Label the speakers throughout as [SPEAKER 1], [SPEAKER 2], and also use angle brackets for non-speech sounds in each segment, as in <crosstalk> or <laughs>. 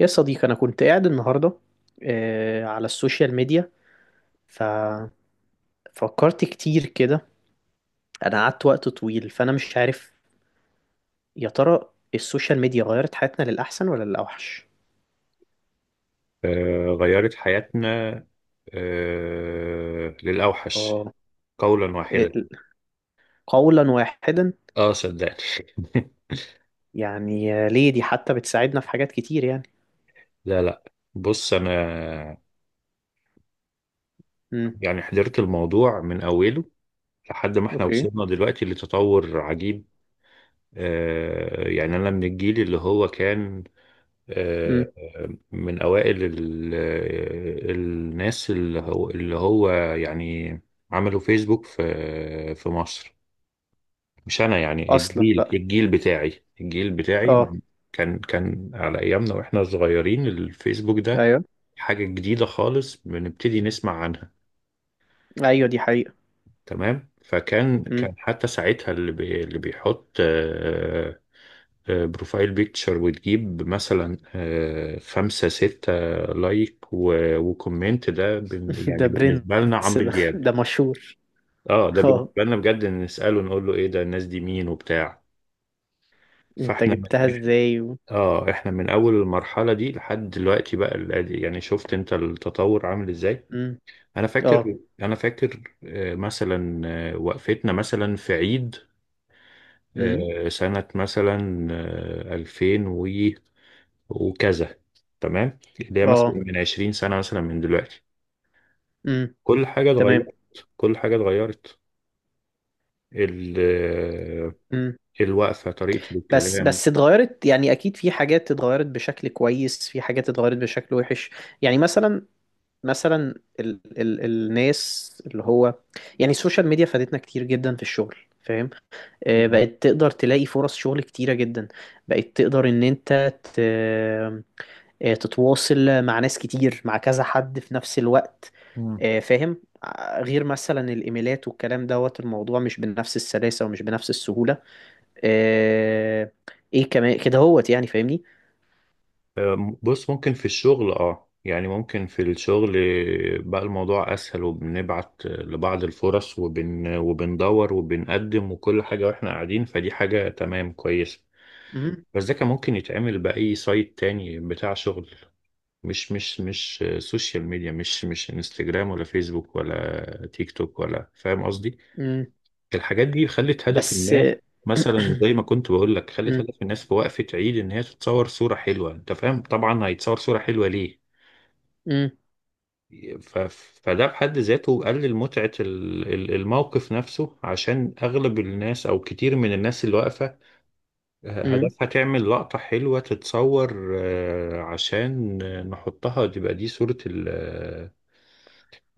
[SPEAKER 1] يا صديقي أنا كنت قاعد النهاردة على السوشيال ميديا، ففكرت كتير كده. أنا قعدت وقت طويل، فأنا مش عارف يا ترى السوشيال ميديا غيرت حياتنا للأحسن ولا للأوحش؟
[SPEAKER 2] آه، غيرت حياتنا. آه، للأوحش
[SPEAKER 1] آه.
[SPEAKER 2] قولا واحدا.
[SPEAKER 1] ال- قولا واحدا.
[SPEAKER 2] اه، صدقني. <laughs>
[SPEAKER 1] يعني ليه؟ دي حتى بتساعدنا في حاجات كتير يعني.
[SPEAKER 2] لا، لا. بص، انا
[SPEAKER 1] امم.
[SPEAKER 2] يعني حضرت الموضوع من اوله لحد ما احنا
[SPEAKER 1] أوكي.
[SPEAKER 2] وصلنا دلوقتي لتطور عجيب. يعني انا من الجيل اللي هو كان، آه
[SPEAKER 1] امم.
[SPEAKER 2] من اوائل الناس اللي هو يعني عملوا فيسبوك في مصر. مش انا يعني،
[SPEAKER 1] أصلا
[SPEAKER 2] الجيل
[SPEAKER 1] بقى.
[SPEAKER 2] الجيل بتاعي الجيل بتاعي
[SPEAKER 1] آه.
[SPEAKER 2] كان على ايامنا واحنا صغيرين، الفيسبوك ده
[SPEAKER 1] أيوه.
[SPEAKER 2] حاجة جديدة خالص بنبتدي نسمع عنها.
[SPEAKER 1] أيوه دي حقيقة.
[SPEAKER 2] تمام، فكان
[SPEAKER 1] امم.
[SPEAKER 2] كان حتى ساعتها اللي بيحط بروفايل بيكتشر، وتجيب مثلا خمسة ستة لايك وكومنت. ده
[SPEAKER 1] <laughs> ده
[SPEAKER 2] يعني بالنسبة لنا
[SPEAKER 1] برنس،
[SPEAKER 2] عمرو
[SPEAKER 1] ده
[SPEAKER 2] دياب.
[SPEAKER 1] ده مشهور.
[SPEAKER 2] اه ده
[SPEAKER 1] آه.
[SPEAKER 2] بالنسبة لنا بجد، نسأله نقول له ايه ده، الناس دي مين وبتاع.
[SPEAKER 1] أنت
[SPEAKER 2] فاحنا
[SPEAKER 1] جبتها إزاي؟
[SPEAKER 2] اه احنا من اول المرحله دي لحد دلوقتي بقى، يعني شفت انت التطور عامل ازاي.
[SPEAKER 1] امم.
[SPEAKER 2] انا
[SPEAKER 1] آه.
[SPEAKER 2] فاكر انا فاكر مثلا، وقفتنا مثلا في عيد،
[SPEAKER 1] امم.
[SPEAKER 2] سنه مثلا 2000 وكذا، تمام. اللي هي مثلا
[SPEAKER 1] اه.
[SPEAKER 2] من 20 سنه مثلا من دلوقتي.
[SPEAKER 1] امم.
[SPEAKER 2] كل حاجه
[SPEAKER 1] تمام.
[SPEAKER 2] اتغيرت، كل حاجه اتغيرت. ال- آه،
[SPEAKER 1] امم.
[SPEAKER 2] الوقفه، طريقه
[SPEAKER 1] بس
[SPEAKER 2] الكلام.
[SPEAKER 1] بس اتغيرت، يعني اكيد في حاجات اتغيرت بشكل كويس، في حاجات اتغيرت بشكل وحش. يعني مثلا، مثلا ال ال الناس اللي هو، يعني السوشيال ميديا فادتنا كتير جدا في الشغل، فاهم؟ بقت تقدر تلاقي فرص شغل كتيرة جدا، بقت تقدر ان انت تتواصل مع ناس كتير، مع كذا حد في نفس الوقت،
[SPEAKER 2] مم.
[SPEAKER 1] فاهم؟ غير مثلا الايميلات والكلام دوت، الموضوع مش بنفس السلاسة ومش بنفس السهولة. آه، ايه كمان كده هوت، يعني فاهمني؟
[SPEAKER 2] بص، ممكن في الشغل، يعني ممكن في الشغل بقى الموضوع اسهل، وبنبعت لبعض الفرص وبندور وبنقدم وكل حاجة واحنا قاعدين، فدي حاجة تمام كويسة.
[SPEAKER 1] مم.
[SPEAKER 2] بس ده كان ممكن يتعمل بأي سايت تاني بتاع شغل، مش سوشيال ميديا، مش انستجرام ولا فيسبوك ولا تيك توك، ولا فاهم قصدي؟
[SPEAKER 1] مم.
[SPEAKER 2] الحاجات دي خلت هدف
[SPEAKER 1] بس
[SPEAKER 2] الناس، مثلا
[SPEAKER 1] <clears throat>
[SPEAKER 2] زي ما كنت بقول لك، خلت
[SPEAKER 1] مم.
[SPEAKER 2] هدف الناس في وقفة عيد ان هي تتصور صورة حلوة. انت فاهم طبعا، هيتصور صورة حلوة ليه؟
[SPEAKER 1] مم.
[SPEAKER 2] ف... فده بحد ذاته قلل متعة الموقف نفسه، عشان أغلب الناس أو كتير من الناس اللي واقفة
[SPEAKER 1] مم.
[SPEAKER 2] هدفها تعمل لقطة حلوة، تتصور عشان نحطها، تبقى دي صورة ال آه،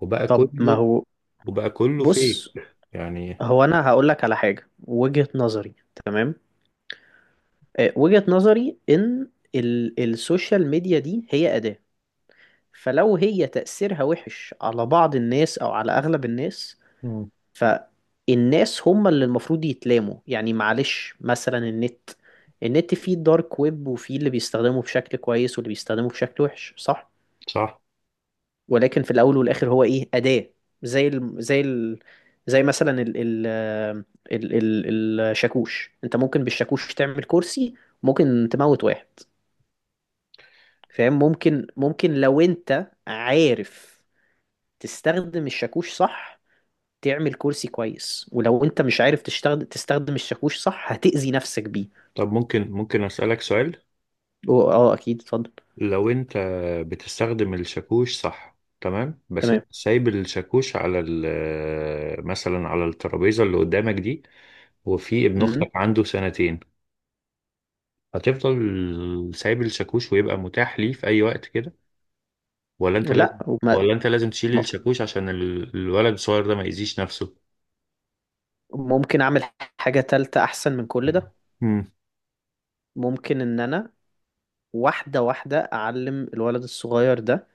[SPEAKER 2] وبقى
[SPEAKER 1] طب ما
[SPEAKER 2] كله
[SPEAKER 1] هو.
[SPEAKER 2] وبقى كله فيك،
[SPEAKER 1] بص،
[SPEAKER 2] يعني.
[SPEAKER 1] هو انا هقول لك على حاجه، وجهه نظري. تمام. وجهه نظري ان ال السوشيال ميديا دي هي اداه، فلو هي تاثيرها وحش على بعض الناس او على اغلب الناس،
[SPEAKER 2] مم.
[SPEAKER 1] فالناس هم اللي المفروض يتلاموا. يعني معلش مثلا النت، النت فيه الدارك ويب، وفيه اللي بيستخدمه بشكل كويس واللي بيستخدمه بشكل وحش، صح؟
[SPEAKER 2] صح.
[SPEAKER 1] ولكن في الاول والاخر هو ايه؟ أداة. زي ال زي ال زي مثلا ال ال ال ال الشاكوش. انت ممكن بالشاكوش تعمل كرسي، ممكن تموت واحد، فاهم؟ ممكن، ممكن لو انت عارف تستخدم الشاكوش صح، تعمل كرسي كويس، ولو انت مش عارف تشتغل تستخدم الشاكوش صح، هتأذي نفسك بيه.
[SPEAKER 2] طب، ممكن أسألك سؤال.
[SPEAKER 1] اه اكيد، اتفضل.
[SPEAKER 2] لو أنت بتستخدم الشاكوش صح، تمام، بس
[SPEAKER 1] تمام.
[SPEAKER 2] أنت سايب الشاكوش على مثلا على الترابيزة اللي قدامك دي، وفي ابن
[SPEAKER 1] مم.
[SPEAKER 2] اختك عنده سنتين، هتفضل سايب الشاكوش ويبقى متاح ليه في اي وقت كده، ولا انت لازم
[SPEAKER 1] لا وما.
[SPEAKER 2] ولا انت لازم تشيل
[SPEAKER 1] م-
[SPEAKER 2] الشاكوش عشان الولد الصغير ده ما يأذيش نفسه؟
[SPEAKER 1] ممكن اعمل حاجة تالتة احسن من كل ده.
[SPEAKER 2] امم
[SPEAKER 1] ممكن ان انا واحدة واحدة اعلم الولد الصغير ده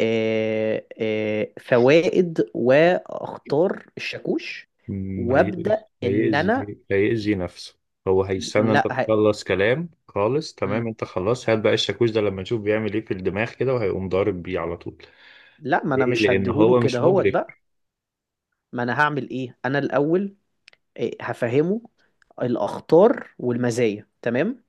[SPEAKER 1] فوائد واخطار الشاكوش،
[SPEAKER 2] أمم، هي-
[SPEAKER 1] وابدأ ان انا.
[SPEAKER 2] هيأذي هيأذي نفسه. هو هيستنى انت
[SPEAKER 1] لا.
[SPEAKER 2] تخلص كلام خالص؟ تمام،
[SPEAKER 1] مم.
[SPEAKER 2] انت خلاص هات بقى الشاكوش ده لما نشوف بيعمل ايه في الدماغ كده، وهيقوم ضارب بيه على طول.
[SPEAKER 1] لا، ما انا
[SPEAKER 2] ليه؟
[SPEAKER 1] مش
[SPEAKER 2] لان
[SPEAKER 1] هديهوله
[SPEAKER 2] هو
[SPEAKER 1] كده
[SPEAKER 2] مش
[SPEAKER 1] هوت بقى.
[SPEAKER 2] مدرك.
[SPEAKER 1] ما انا هعمل ايه انا الاول؟ إيه، هفهمه الاخطار والمزايا، تمام.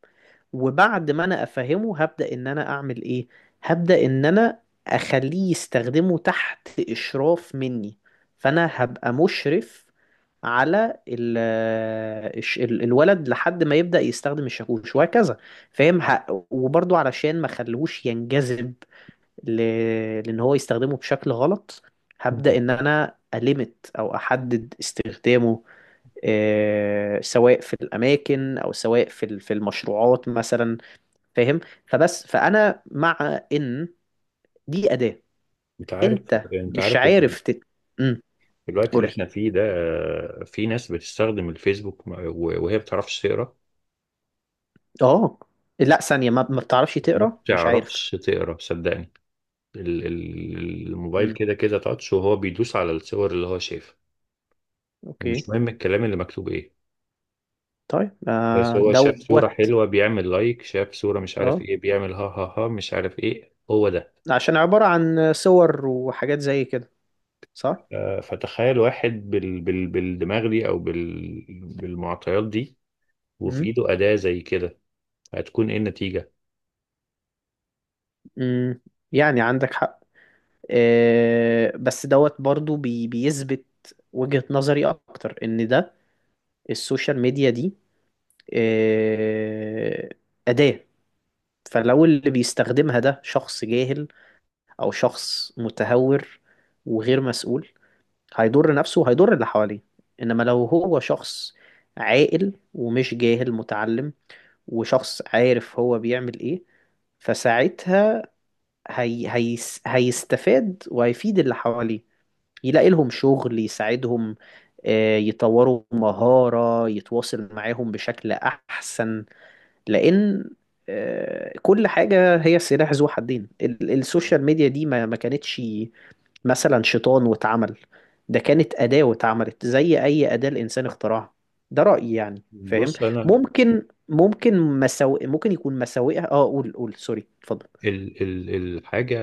[SPEAKER 1] وبعد ما انا افهمه هبدأ ان انا اعمل ايه؟ هبدأ ان انا اخليه يستخدمه تحت اشراف مني. فانا هبقى مشرف على الولد لحد ما يبدأ يستخدم الشاكوش، وهكذا، فاهم؟ وبرضو علشان ما خلوش ينجذب ل... لان هو يستخدمه بشكل غلط، هبدأ
[SPEAKER 2] أمم.
[SPEAKER 1] ان انا أليمت او احدد استخدامه، سواء في الاماكن او سواء في المشروعات مثلا، فاهم؟ فبس فانا مع ان دي اداه.
[SPEAKER 2] انت عارف
[SPEAKER 1] انت
[SPEAKER 2] انت
[SPEAKER 1] مش
[SPEAKER 2] عارف
[SPEAKER 1] عارف امم.
[SPEAKER 2] في الوقت
[SPEAKER 1] قول
[SPEAKER 2] اللي
[SPEAKER 1] لي.
[SPEAKER 2] احنا فيه ده في ناس بتستخدم الفيسبوك وهي بتعرفش تقرا.
[SPEAKER 1] اه. لا ثانيه، ما بتعرفش
[SPEAKER 2] ما
[SPEAKER 1] تقرا، مش
[SPEAKER 2] بتعرفش
[SPEAKER 1] عارف.
[SPEAKER 2] تقرا، صدقني. الموبايل
[SPEAKER 1] امم.
[SPEAKER 2] كده كده تاتش، وهو بيدوس على الصور اللي هو شايفها، ومش
[SPEAKER 1] اوكي.
[SPEAKER 2] مهم الكلام اللي مكتوب ايه.
[SPEAKER 1] طيب
[SPEAKER 2] بس
[SPEAKER 1] آه
[SPEAKER 2] هو شاف صورة
[SPEAKER 1] دوت.
[SPEAKER 2] حلوة بيعمل لايك، شاف صورة مش عارف
[SPEAKER 1] اه،
[SPEAKER 2] ايه بيعمل ها ها ها، مش عارف ايه هو ده.
[SPEAKER 1] عشان عباره عن صور وحاجات زي كده، صح؟
[SPEAKER 2] فتخيل واحد بالدماغ دي او بالمعطيات دي، وفي
[SPEAKER 1] امم.
[SPEAKER 2] ايده أداة زي كده، هتكون ايه النتيجة؟
[SPEAKER 1] امم. يعني عندك حق. آه بس دوت برضو بيثبت وجهة نظري اكتر ان ده السوشيال ميديا دي آه، أداة. فلو اللي بيستخدمها ده شخص جاهل، أو شخص متهور وغير مسؤول، هيضر نفسه وهيضر اللي حواليه. إنما لو هو شخص عاقل ومش جاهل، متعلم، وشخص عارف هو بيعمل إيه، فساعتها هي هيستفاد وهيفيد اللي حواليه، يلاقي لهم شغل، يساعدهم، يطوروا مهارة، يتواصل معاهم بشكل أحسن. لان كل حاجة هي سلاح ذو حدين. السوشيال ميديا دي ما كانتش مثلا شيطان واتعمل. ده كانت أداة واتعملت زي أي أداة الإنسان اخترعها. ده رأيي، يعني فاهم؟
[SPEAKER 2] بص، انا
[SPEAKER 1] ممكن مساوئ، ممكن يكون مساوئها. اه، قول سوري. اتفضل.
[SPEAKER 2] ال ال الحاجة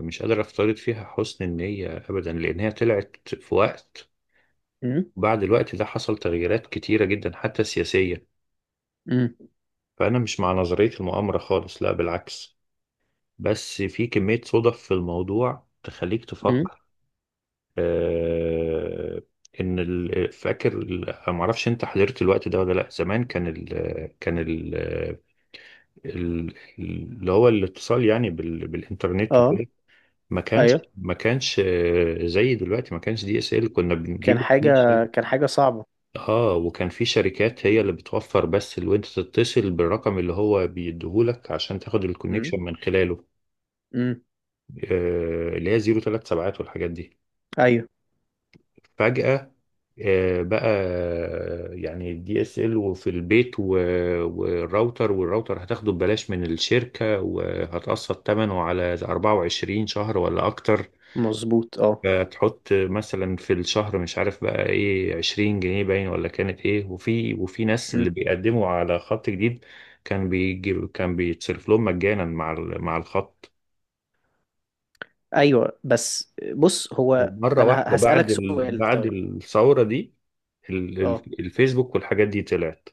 [SPEAKER 2] مش قادر أفترض فيها حسن النية أبدا، لأن هي طلعت في وقت،
[SPEAKER 1] امم.
[SPEAKER 2] بعد الوقت ده حصل تغييرات كتيرة جدا حتى سياسية.
[SPEAKER 1] امم.
[SPEAKER 2] فأنا مش مع نظرية المؤامرة خالص، لا بالعكس، بس في كمية صدف في الموضوع تخليك
[SPEAKER 1] امم.
[SPEAKER 2] تفكر. آه إن معرفش أنت حضرت الوقت ده ولا لأ. زمان كان ال كان ال ال- اللي هو الاتصال يعني بالإنترنت
[SPEAKER 1] اه.
[SPEAKER 2] وكده، ما
[SPEAKER 1] ايوه.
[SPEAKER 2] كانش ما كانش زي دلوقتي، ما كانش DSL كنا
[SPEAKER 1] كان
[SPEAKER 2] بنجيبه
[SPEAKER 1] حاجة،
[SPEAKER 2] في شركة.
[SPEAKER 1] كان حاجة صعبة.
[SPEAKER 2] اه وكان في شركات هي اللي بتوفر، بس اللي انت تتصل بالرقم اللي هو بيديهولك عشان تاخد
[SPEAKER 1] امم.
[SPEAKER 2] الكونكشن من خلاله،
[SPEAKER 1] امم.
[SPEAKER 2] اللي هي 037 والحاجات دي.
[SPEAKER 1] ايوه
[SPEAKER 2] فجأة، بقى يعني DSL وفي البيت والراوتر هتاخده ببلاش من الشركة، وهتقسط ثمنه على 24 شهر ولا اكتر.
[SPEAKER 1] مظبوط، اه.
[SPEAKER 2] تحط مثلا في الشهر، مش عارف بقى ايه، 20 جنيه باين ولا كانت ايه. وفي ناس
[SPEAKER 1] مم.
[SPEAKER 2] اللي بيقدموا على خط جديد كان بيتصرف لهم مجانا مع الخط.
[SPEAKER 1] ايوه، بس بص هو
[SPEAKER 2] ومرة
[SPEAKER 1] انا
[SPEAKER 2] واحدة
[SPEAKER 1] هسألك سؤال،
[SPEAKER 2] بعد
[SPEAKER 1] طيب
[SPEAKER 2] الثورة دي،
[SPEAKER 1] اه.
[SPEAKER 2] الفيسبوك والحاجات دي طلعت.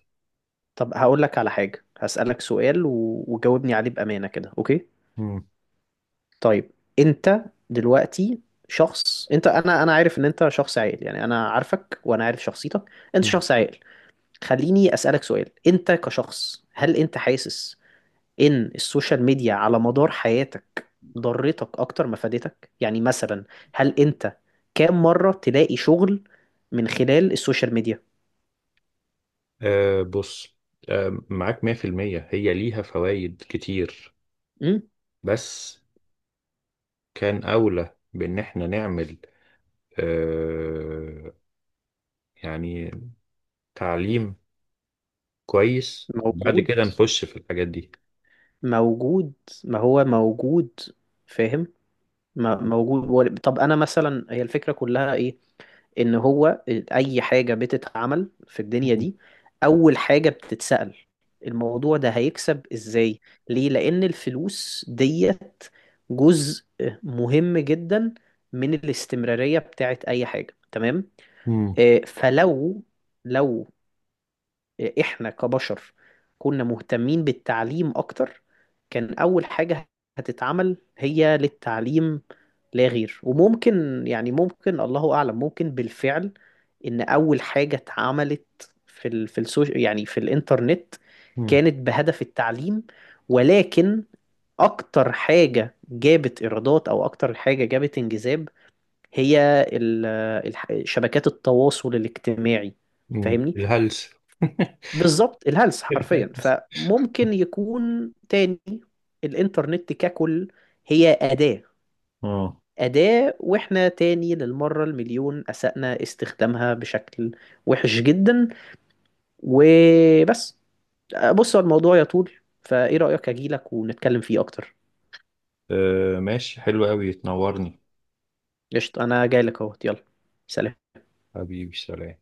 [SPEAKER 1] طب هقول لك على حاجة، هسألك سؤال، وجاوبني عليه بأمانة كده، اوكي؟
[SPEAKER 2] مم.
[SPEAKER 1] طيب. انت دلوقتي شخص. انت انا عارف ان انت شخص عاقل، يعني انا عارفك وانا عارف شخصيتك. انت
[SPEAKER 2] مم.
[SPEAKER 1] شخص عاقل. خليني أسألك سؤال. انت كشخص، هل انت حاسس ان السوشيال ميديا على مدار حياتك ضرتك اكتر ما فادتك؟ يعني مثلا، هل انت كام مرة تلاقي شغل من خلال السوشيال ميديا؟
[SPEAKER 2] آه، بص، معاك 100%. هي ليها فوائد كتير،
[SPEAKER 1] امم.
[SPEAKER 2] بس كان أولى بإن احنا نعمل آه يعني تعليم كويس، وبعد
[SPEAKER 1] موجود.
[SPEAKER 2] كده نخش في الحاجات دي.
[SPEAKER 1] موجود. ما هو موجود، فاهم؟ موجود. طب انا مثلا، هي الفكرة كلها ايه؟ ان هو اي حاجة بتتعمل في الدنيا دي، اول حاجة بتتسأل الموضوع ده هيكسب ازاي. ليه؟ لان الفلوس ديت جزء مهم جدا من الاستمرارية بتاعت اي حاجة، تمام؟
[SPEAKER 2] مم.
[SPEAKER 1] فلو لو احنا كبشر كنا مهتمين بالتعليم اكتر، كان اول حاجة هتتعمل هي للتعليم لا غير. وممكن يعني، ممكن الله اعلم، ممكن بالفعل ان اول حاجة اتعملت في السوش يعني في الانترنت،
[SPEAKER 2] مم.
[SPEAKER 1] كانت بهدف التعليم. ولكن اكتر حاجة جابت ايرادات، او اكتر حاجة جابت انجذاب، هي شبكات التواصل الاجتماعي،
[SPEAKER 2] مم.
[SPEAKER 1] فاهمني؟
[SPEAKER 2] الهلس. <laughs>
[SPEAKER 1] بالظبط، الهلس حرفيا.
[SPEAKER 2] الهلس.
[SPEAKER 1] فممكن يكون تاني الانترنت ككل هي أداة.
[SPEAKER 2] اه.
[SPEAKER 1] أداة، وإحنا تاني للمرة المليون أسأنا استخدامها بشكل وحش جدا، وبس. بص هو الموضوع يطول، فإيه رأيك أجيلك ونتكلم فيه أكتر؟
[SPEAKER 2] آه، ماشي، حلو قوي، تنورني.
[SPEAKER 1] قشطة، أنا جايلك أهوت، يلا، سلام.
[SPEAKER 2] حبيبي، سلام.